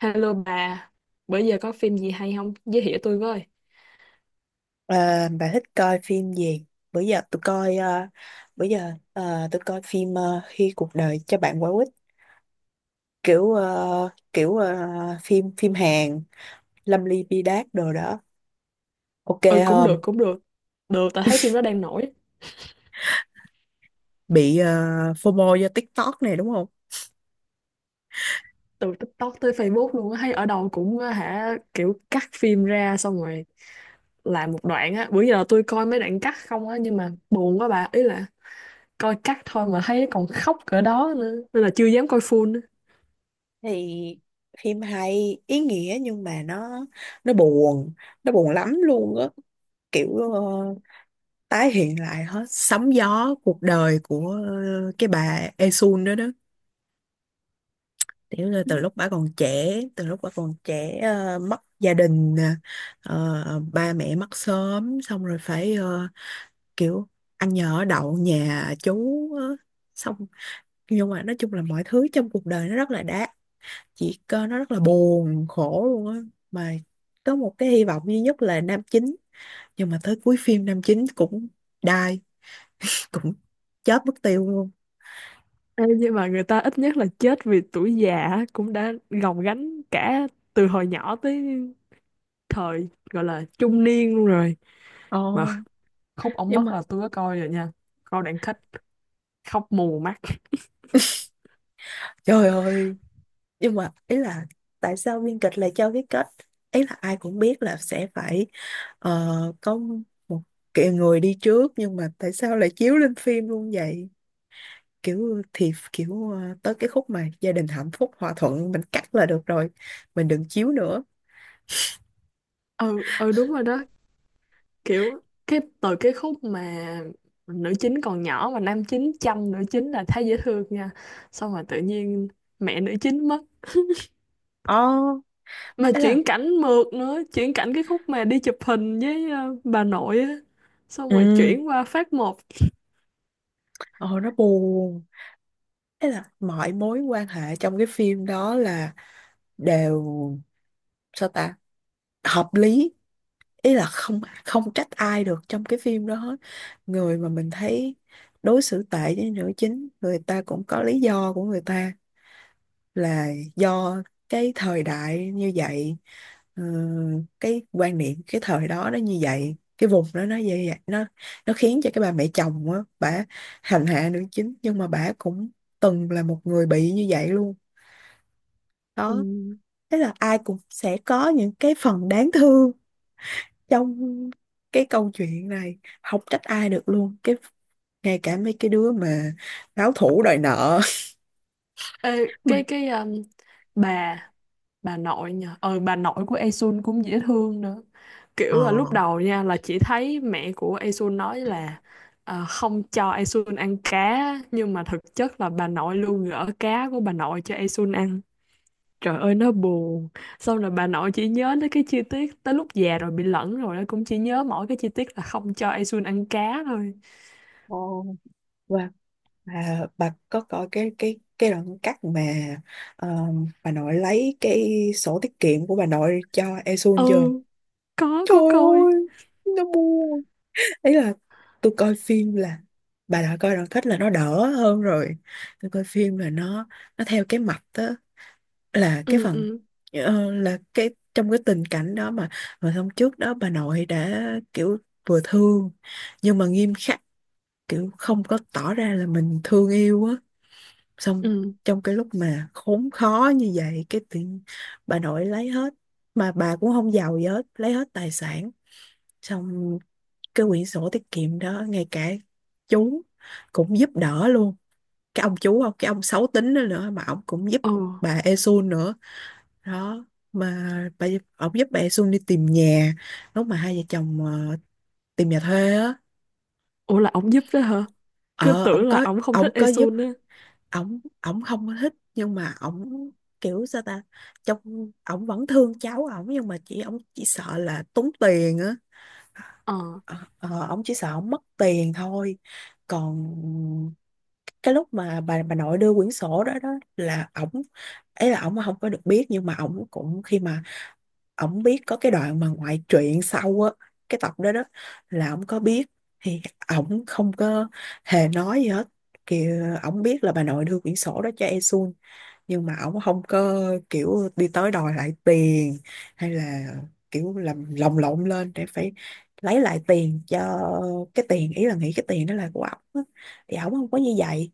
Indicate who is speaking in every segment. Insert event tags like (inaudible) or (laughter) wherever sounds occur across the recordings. Speaker 1: Hello bà, bữa giờ có phim gì hay không? Giới thiệu tôi với.
Speaker 2: Ờ, bà thích coi phim gì? Bữa giờ tôi coi bữa giờ tôi coi phim Khi cuộc đời cho bạn quả quýt, kiểu ờ, kiểu ờ, phim phim Hàn, Lâm Ly Bi Đát đồ đó. Ok
Speaker 1: Ừ, cũng được,
Speaker 2: không?
Speaker 1: cũng được. Được, tao thấy phim đó đang nổi.
Speaker 2: Bị FOMO do TikTok này đúng không?
Speaker 1: Từ TikTok tới Facebook luôn á, thấy ở đâu cũng á hả, kiểu cắt phim ra xong rồi làm một đoạn á. Bữa giờ tôi coi mấy đoạn cắt không á, nhưng mà buồn quá bà. Ý là coi cắt thôi mà thấy còn khóc cỡ đó nữa. Nên là chưa dám coi full nữa.
Speaker 2: Thì phim hay, ý nghĩa nhưng mà nó, nó buồn, nó buồn lắm luôn á. Kiểu, tái hiện lại hết. Sóng gió cuộc đời của cái bà Esun đó đó. Tiểu là từ lúc bà còn trẻ, từ lúc bà còn trẻ, mất gia đình, nè, ba mẹ mất sớm, xong rồi phải, kiểu ăn nhờ ở đậu nhà chú, ờ, xong, nhưng mà nói chung là mọi thứ trong cuộc đời nó rất là đã, chỉ có nó rất là buồn khổ luôn á, mà có một cái hy vọng duy nhất là nam chính, nhưng mà tới cuối phim nam chính cũng die, cũng chết mất tiêu luôn.
Speaker 1: Ê, nhưng mà người ta ít nhất là chết vì tuổi già á, cũng đã gồng gánh cả từ hồi nhỏ tới thời gọi là trung niên luôn rồi, mà
Speaker 2: Ồ,
Speaker 1: khúc ống
Speaker 2: nhưng
Speaker 1: mất
Speaker 2: mà
Speaker 1: là tôi có coi rồi nha, coi đoạn kết khóc mù mắt.
Speaker 2: trời ơi, nhưng mà ý là tại sao biên kịch lại cho cái kết, ý là ai cũng biết là sẽ phải, có một kiểu người đi trước, nhưng mà tại sao lại chiếu lên phim luôn vậy? Kiểu thì kiểu, tới cái khúc mà gia đình hạnh phúc hòa thuận mình cắt là được rồi, mình đừng chiếu nữa.
Speaker 1: Ừ, đúng rồi đó. Kiểu cái từ cái khúc mà nữ chính còn nhỏ mà nam chính chăm nữ chính là thấy dễ thương nha, xong rồi tự nhiên mẹ nữ chính mất,
Speaker 2: Ồ,
Speaker 1: mà
Speaker 2: ấy là
Speaker 1: chuyển cảnh mượt nữa, chuyển cảnh cái khúc mà đi chụp hình với bà nội á, xong rồi
Speaker 2: ừ,
Speaker 1: chuyển qua phát một.
Speaker 2: ồ nó buồn. Ấy là mọi mối quan hệ trong cái phim đó là đều, sao ta, hợp lý. Ý là không, không trách ai được trong cái phim đó hết. Người mà mình thấy đối xử tệ với nữ chính, người ta cũng có lý do của người ta, là do cái thời đại như vậy. ờ, cái quan niệm cái thời đó nó như vậy, cái vùng đó nó như vậy, nó khiến cho cái bà mẹ chồng á, bà hành hạ nữ chính nhưng mà bà cũng từng là một người bị như vậy luôn
Speaker 1: Ừ.
Speaker 2: đó. Thế là ai cũng sẽ có những cái phần đáng thương trong cái câu chuyện này, không trách ai được luôn, cái ngay cả mấy cái đứa mà báo thủ đòi nợ.
Speaker 1: Ê,
Speaker 2: (laughs) Mà
Speaker 1: cái bà bà nội nha, bà nội của Esun cũng dễ thương nữa.
Speaker 2: ờ,
Speaker 1: Kiểu là lúc đầu nha là chỉ thấy mẹ của Esun nói là không cho Esun ăn cá, nhưng mà thực chất là bà nội luôn gỡ cá của bà nội cho Esun ăn. Trời ơi nó buồn. Xong rồi bà nội chỉ nhớ tới cái chi tiết, tới lúc già rồi bị lẫn rồi nó cũng chỉ nhớ mỗi cái chi tiết là không cho Esun ăn cá thôi.
Speaker 2: Ồ, và bà có coi cái cái đoạn cắt mà ờ, bà nội lấy cái sổ tiết kiệm của bà nội cho Esun
Speaker 1: Ừ,
Speaker 2: chưa?
Speaker 1: có
Speaker 2: Trời
Speaker 1: có coi.
Speaker 2: ơi, nó buồn. Ý là tôi coi phim là, bà đã coi đoạn kết là nó đỡ hơn rồi. Tôi coi phim là nó theo cái mạch đó, là cái
Speaker 1: Ừ
Speaker 2: phần
Speaker 1: ừ
Speaker 2: là cái trong cái tình cảnh đó mà hôm trước đó bà nội đã kiểu vừa thương nhưng mà nghiêm khắc, kiểu không có tỏ ra là mình thương yêu á, xong
Speaker 1: ừ
Speaker 2: trong cái lúc mà khốn khó như vậy cái tự nhiên bà nội lấy hết, mà bà cũng không giàu gì hết, lấy hết tài sản, xong cái quyển sổ tiết kiệm đó, ngay cả chú cũng giúp đỡ luôn, cái ông chú không, cái ông xấu tính đó nữa mà ông cũng giúp
Speaker 1: ừ.
Speaker 2: bà Esun nữa đó. Mà bà, ổng giúp bà Xuân đi tìm nhà, lúc mà hai vợ chồng tìm nhà thuê á.
Speaker 1: Ủa, là ổng giúp đó hả? Cứ
Speaker 2: Ờ ổng
Speaker 1: tưởng là
Speaker 2: có,
Speaker 1: ổng không
Speaker 2: ổng
Speaker 1: thích
Speaker 2: có giúp.
Speaker 1: Esun á.
Speaker 2: Ổng ổng không có thích nhưng mà ổng kiểu sao ta, trong ổng vẫn thương cháu ổng nhưng mà chỉ ổng chỉ sợ là tốn tiền á.
Speaker 1: Ờ,
Speaker 2: Ờ, ờ, ổng chỉ sợ ổng mất tiền thôi, còn cái lúc mà bà nội đưa quyển sổ đó đó, là ổng, ấy là ổng không có được biết nhưng mà ổng cũng khi mà ổng biết, có cái đoạn mà ngoại truyện sau á, cái tập đó đó là ổng có biết, thì ổng không có hề nói gì hết, kiểu ổng biết là bà nội đưa quyển sổ đó cho Esun nhưng mà ổng không có kiểu đi tới đòi lại tiền, hay là kiểu làm lồng lộn lên để phải lấy lại tiền, cho cái tiền, ý là nghĩ cái tiền đó là của ổng á. Thì ổng không có như vậy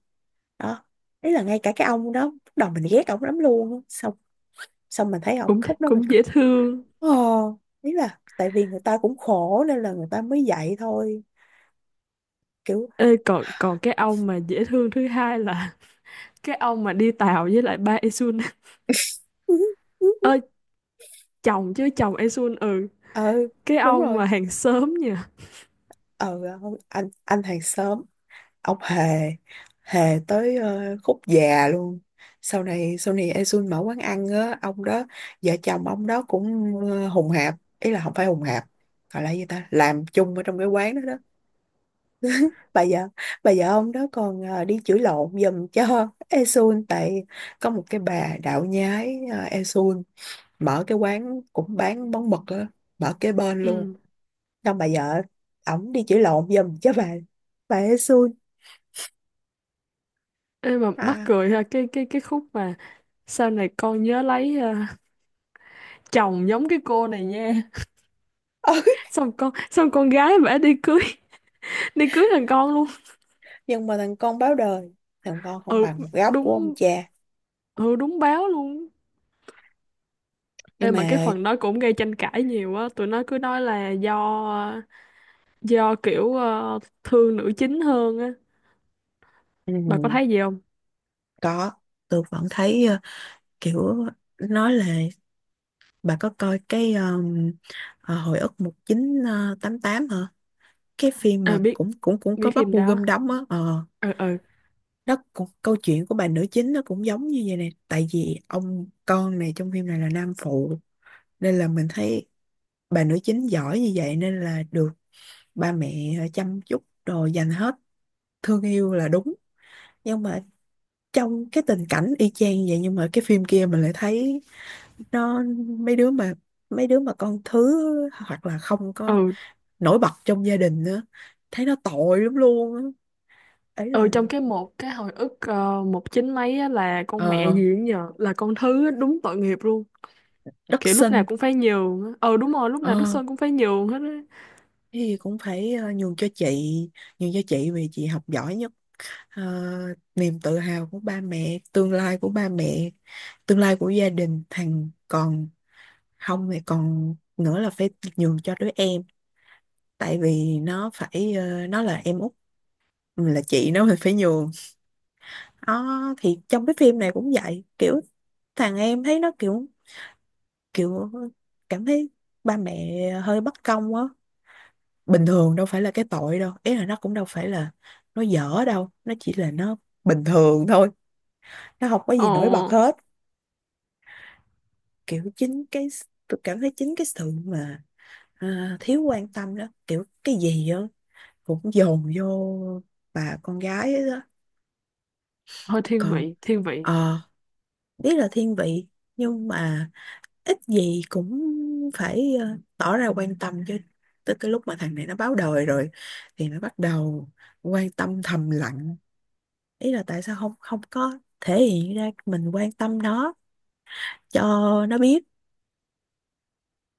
Speaker 2: đó. Ý là ngay cả cái ông đó lúc đầu mình ghét ổng lắm luôn á. Xong xong mình thấy ổng
Speaker 1: cũng
Speaker 2: khúc đó mình,
Speaker 1: cũng dễ thương.
Speaker 2: Ờ, ý là tại vì người ta cũng khổ nên là người ta mới dạy thôi kiểu.
Speaker 1: Ê, còn còn cái ông mà dễ thương thứ hai là (laughs) cái ông mà đi tàu với lại ba Esun.
Speaker 2: (laughs)
Speaker 1: (laughs) Ơi, chồng, chứ chồng Esun. Ừ,
Speaker 2: Ờ
Speaker 1: cái
Speaker 2: đúng
Speaker 1: ông
Speaker 2: rồi.
Speaker 1: mà hàng xóm nha.
Speaker 2: Ờ không, anh hàng xóm, ông Hề, Hề tới khúc già luôn. Sau này sau này Esun mở quán ăn á, ông đó, vợ chồng ông đó cũng hùng hạp, ý là không phải hùng hạp, gọi là gì ta, làm chung ở trong cái quán đó đó. Bà vợ, bà vợ ông đó còn đi chửi lộn giùm cho Esun tại có một cái bà đạo nhái, uh, mở cái quán cũng bán món mực á, mở kế bên luôn.
Speaker 1: Ừ.
Speaker 2: Xong bà vợ ổng đi chữa lộn giùm cho bà ấy xui
Speaker 1: Ê, mà mắc
Speaker 2: à.
Speaker 1: cười ha, cái khúc mà sau này con nhớ lấy chồng giống cái cô này nha,
Speaker 2: (laughs)
Speaker 1: (laughs) xong con, xong con gái bả đi cưới (laughs) đi cưới thằng con luôn.
Speaker 2: Nhưng mà thằng con báo đời, thằng con không
Speaker 1: Ừ
Speaker 2: bằng một góc của ông
Speaker 1: đúng,
Speaker 2: cha.
Speaker 1: ừ đúng, báo luôn. Ê,
Speaker 2: Nhưng
Speaker 1: mà cái
Speaker 2: mà
Speaker 1: phần đó cũng gây tranh cãi nhiều á, tụi nó cứ nói là do kiểu thương nữ chính hơn á.
Speaker 2: ừ,
Speaker 1: Bà có thấy gì không?
Speaker 2: có, tôi vẫn thấy kiểu, nói là bà có coi cái hồi ức một chín tám tám hả, cái phim
Speaker 1: Ờ
Speaker 2: mà
Speaker 1: biết,
Speaker 2: cũng cũng cũng
Speaker 1: biết
Speaker 2: có Park
Speaker 1: phim
Speaker 2: Bo
Speaker 1: đó.
Speaker 2: Gum đóng á. Ờ,
Speaker 1: Ờ ờ.
Speaker 2: nó cũng câu chuyện của bà nữ chính nó cũng giống như vậy nè, tại vì ông con này trong phim này là nam phụ nên là mình thấy bà nữ chính giỏi như vậy nên là được ba mẹ chăm chút đồ dành hết, thương yêu là đúng. Nhưng mà trong cái tình cảnh y chang như vậy nhưng mà cái phim kia mình lại thấy nó, mấy đứa mà, mấy đứa mà con thứ hoặc là không
Speaker 1: Ờ
Speaker 2: có nổi bật trong gia đình nữa, thấy nó tội lắm luôn á. Ấy
Speaker 1: ờ,
Speaker 2: là
Speaker 1: trong cái một cái hồi ức một chín mấy á, là con mẹ
Speaker 2: ờ,
Speaker 1: gì cũng nhờ là con thứ á, đúng tội nghiệp luôn.
Speaker 2: đất
Speaker 1: Kiểu lúc nào
Speaker 2: sinh.
Speaker 1: cũng phải nhường á. Ờ đúng rồi, lúc nào Đức
Speaker 2: Ờ
Speaker 1: Sơn cũng phải nhường hết á.
Speaker 2: thì cũng phải nhường cho chị, nhường cho chị vì chị học giỏi nhất. Ờ, niềm tự hào của ba mẹ, tương lai của ba mẹ, tương lai của gia đình, thằng còn, không thì còn nữa là phải nhường cho đứa em, tại vì nó phải nó là em út, mình là chị nó, mình phải nhường. Đó thì trong cái phim này cũng vậy, kiểu thằng em thấy nó kiểu, kiểu cảm thấy ba mẹ hơi bất công á. Bình thường đâu phải là cái tội đâu, ý là nó cũng đâu phải là nó dở đâu, nó chỉ là nó bình thường thôi, nó không có
Speaker 1: Ờ.
Speaker 2: gì nổi bật hết. Kiểu chính cái tôi cảm thấy chính cái sự mà, à, thiếu quan tâm đó, kiểu cái gì đó cũng dồn vô bà con gái ấy đó.
Speaker 1: Hơi thiên
Speaker 2: Còn
Speaker 1: vị, thiên vị.
Speaker 2: ờ, biết là thiên vị nhưng mà ít gì cũng phải tỏ ra quan tâm chứ. Tới cái lúc mà thằng này nó báo đời rồi thì nó bắt đầu quan tâm thầm lặng. Ý là tại sao không, không có thể hiện ra mình quan tâm nó cho nó biết.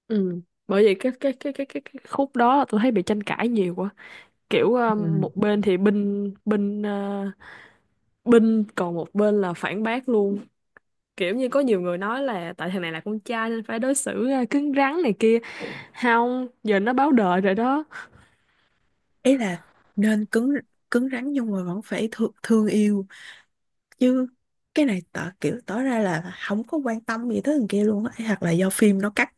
Speaker 1: Ừ, bởi vậy cái khúc đó tôi thấy bị tranh cãi nhiều quá. Kiểu
Speaker 2: Ừ.
Speaker 1: một bên thì binh binh ờ, binh, còn một bên là phản bác luôn. Kiểu như có nhiều người nói là tại thằng này là con trai nên phải đối xử à, cứng rắn này kia, không giờ nó báo đời rồi đó.
Speaker 2: Ý là nên cứng, cứng rắn nhưng mà vẫn phải thương, thương yêu chứ. Cái này tỏ kiểu tỏ ra là không có quan tâm gì tới thằng kia luôn á, hoặc là do phim nó cắt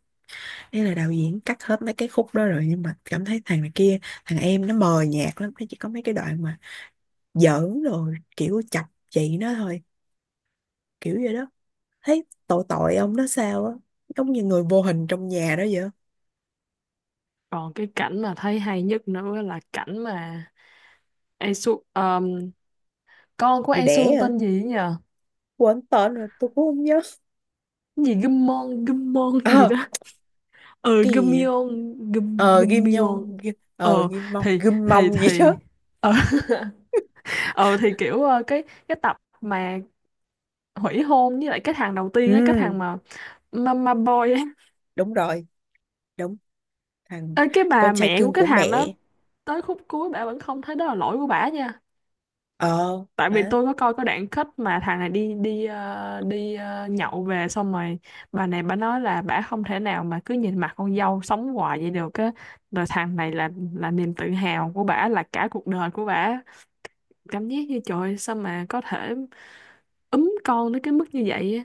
Speaker 2: hay là đạo diễn cắt hết mấy cái khúc đó rồi, nhưng mà cảm thấy thằng này kia, thằng em nó mờ nhạt lắm, nó chỉ có mấy cái đoạn mà giỡn rồi kiểu chọc chị nó thôi, kiểu vậy đó. Thấy tội tội ông nó sao á, giống như người vô hình trong nhà đó vậy.
Speaker 1: Còn cái cảnh mà thấy hay nhất nữa là cảnh mà Esu con của
Speaker 2: Đi đẻ
Speaker 1: Esu
Speaker 2: à,
Speaker 1: tên gì ấy nhờ?
Speaker 2: quên tên rồi tôi cũng không nhớ.
Speaker 1: Cái gì Gummon Gummon gì
Speaker 2: À,
Speaker 1: đó. Ừ,
Speaker 2: cái gì vậy?
Speaker 1: Gummion.
Speaker 2: Ờ ghim
Speaker 1: Gummion.
Speaker 2: Nhông, Kim-,
Speaker 1: Ờ
Speaker 2: ờ ghim Mông, ghim Mông gì
Speaker 1: thì
Speaker 2: đó.
Speaker 1: ờ (laughs) Ờ thì kiểu cái tập mà hủy hôn với lại cái thằng đầu
Speaker 2: Ừ
Speaker 1: tiên á, cái thằng mà mama boy á.
Speaker 2: đúng rồi, đúng, thằng
Speaker 1: Ê, cái bà
Speaker 2: con trai
Speaker 1: mẹ của
Speaker 2: cưng
Speaker 1: cái
Speaker 2: của
Speaker 1: thằng đó,
Speaker 2: mẹ.
Speaker 1: tới khúc cuối bả vẫn không thấy đó là lỗi của bả nha.
Speaker 2: Ờ
Speaker 1: Tại vì
Speaker 2: bả,
Speaker 1: tôi có coi cái đoạn kết mà thằng này đi đi ờ, nhậu về xong rồi bà này bà nói là bả không thể nào mà cứ nhìn mặt con dâu sống hoài vậy được á, rồi thằng này là niềm tự hào của bả, là cả cuộc đời của bả. Cảm giác như trời ơi, sao mà có thể ấm con đến cái mức như vậy á,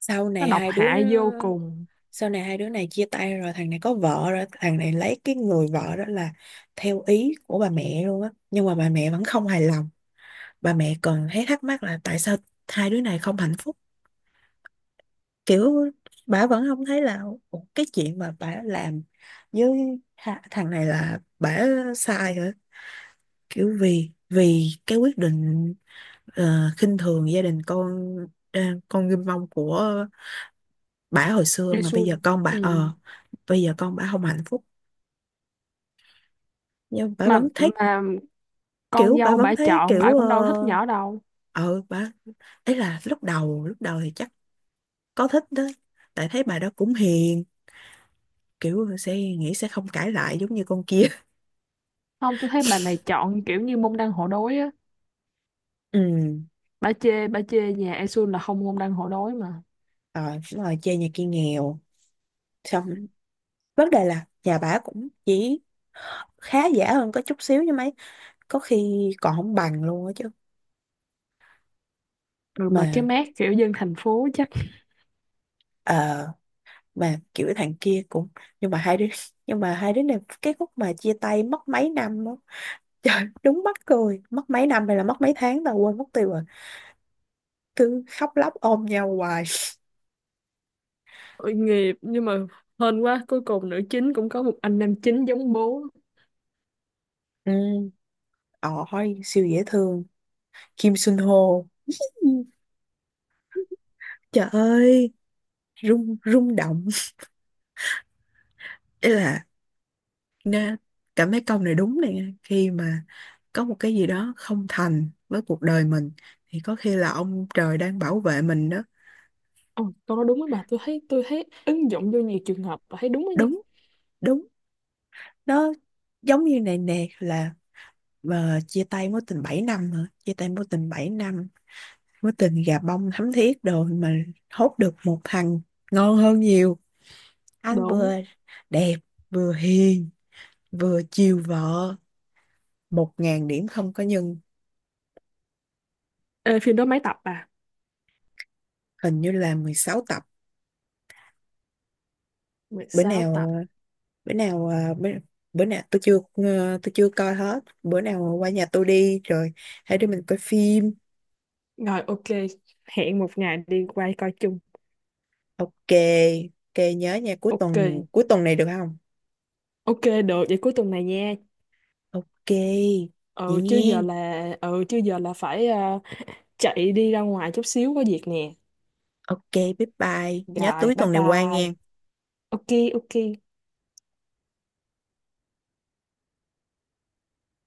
Speaker 2: sau
Speaker 1: nó
Speaker 2: này
Speaker 1: độc
Speaker 2: hai đứa,
Speaker 1: hại vô cùng.
Speaker 2: sau này hai đứa này chia tay rồi, thằng này có vợ rồi, thằng này lấy cái người vợ đó là theo ý của bà mẹ luôn á, nhưng mà bà mẹ vẫn không hài lòng. Bà mẹ còn thấy thắc mắc là tại sao hai đứa này không hạnh phúc, kiểu bà vẫn không thấy là "Ủa, cái chuyện mà bà làm với thằng này là bà sai hả?" Kiểu vì vì cái quyết định khinh thường gia đình con, ờ, con ghim mông của bà hồi xưa, mà bây
Speaker 1: Jaisun.
Speaker 2: giờ con bà
Speaker 1: Ừ.
Speaker 2: ờ, bây giờ con bà không hạnh phúc nhưng bà
Speaker 1: mà
Speaker 2: vẫn thấy
Speaker 1: mà con
Speaker 2: kiểu, bà
Speaker 1: dâu
Speaker 2: vẫn
Speaker 1: bả
Speaker 2: thấy
Speaker 1: chọn, bả
Speaker 2: kiểu ờ,
Speaker 1: cũng đâu thích nhỏ đâu.
Speaker 2: ờ bà, ấy là lúc đầu, lúc đầu thì chắc có thích đó, tại thấy bà đó cũng hiền, kiểu sẽ nghĩ sẽ không cãi lại giống như con kia.
Speaker 1: Không, tôi thấy bà này chọn kiểu như môn đăng hộ đối á,
Speaker 2: Ừ,
Speaker 1: bà chê nhà An là không môn đăng hộ đối mà.
Speaker 2: rồi đúng rồi, chơi nhà kia nghèo, xong vấn đề là nhà bà cũng chỉ khá giả hơn có chút xíu như mấy, có khi còn không bằng luôn á chứ.
Speaker 1: Rồi mà cái
Speaker 2: Mà
Speaker 1: mác kiểu dân thành phố chắc.
Speaker 2: ờ, mà kiểu thằng kia cũng, nhưng mà hai đứa (laughs) nhưng mà hai đứa này cái khúc mà chia tay mất mấy năm đó. (laughs) Trời đúng mắc cười, mất mấy năm hay là mất mấy tháng tao quên mất tiêu rồi, cứ khóc lóc ôm nhau hoài.
Speaker 1: Tội nghiệp, nhưng mà hên quá, cuối cùng nữ chính cũng có một anh nam chính giống bố.
Speaker 2: Ừ, ôi siêu dễ thương, Kim Sun Ho. Ừ, trời ơi, rung, rung động. Ý là nghe cảm thấy câu này đúng này nha. Khi mà có một cái gì đó không thành với cuộc đời mình thì có khi là ông trời đang bảo vệ mình đó.
Speaker 1: Ồ, câu nói đúng với bà. Tôi thấy, tôi thấy ứng dụng vô nhiều trường hợp và thấy đúng đó nha.
Speaker 2: Đúng, đúng. Nó giống như này nè, là mà chia tay mối tình 7 năm hả, chia tay mối tình 7 năm, mối tình gà bông thắm thiết đồ mà hốt được một thằng ngon hơn nhiều, anh
Speaker 1: Đúng.
Speaker 2: vừa đẹp, vừa hiền, vừa chiều vợ, 1000 điểm không có nhân.
Speaker 1: Ê, phim đó mấy tập à?
Speaker 2: Hình như là 16 tập.
Speaker 1: mười
Speaker 2: Bữa
Speaker 1: sáu tập
Speaker 2: nào, bữa nào à, bữa, bữa nào tôi chưa tôi chưa coi hết, bữa nào qua nhà tôi đi rồi hai đứa mình coi phim.
Speaker 1: Rồi ok, hẹn một ngày đi quay coi chung.
Speaker 2: Ok, ok, nhớ nha, cuối
Speaker 1: Ok
Speaker 2: tuần, cuối tuần này được không?
Speaker 1: ok, được vậy cuối tuần này nha.
Speaker 2: Ok, vậy nghe.
Speaker 1: Ừ chứ giờ là phải chạy đi ra ngoài chút xíu có việc nè.
Speaker 2: Ok, bye bye, nhớ
Speaker 1: Rồi
Speaker 2: túi
Speaker 1: bye
Speaker 2: tuần này qua
Speaker 1: bye.
Speaker 2: nghe.
Speaker 1: Ok ok.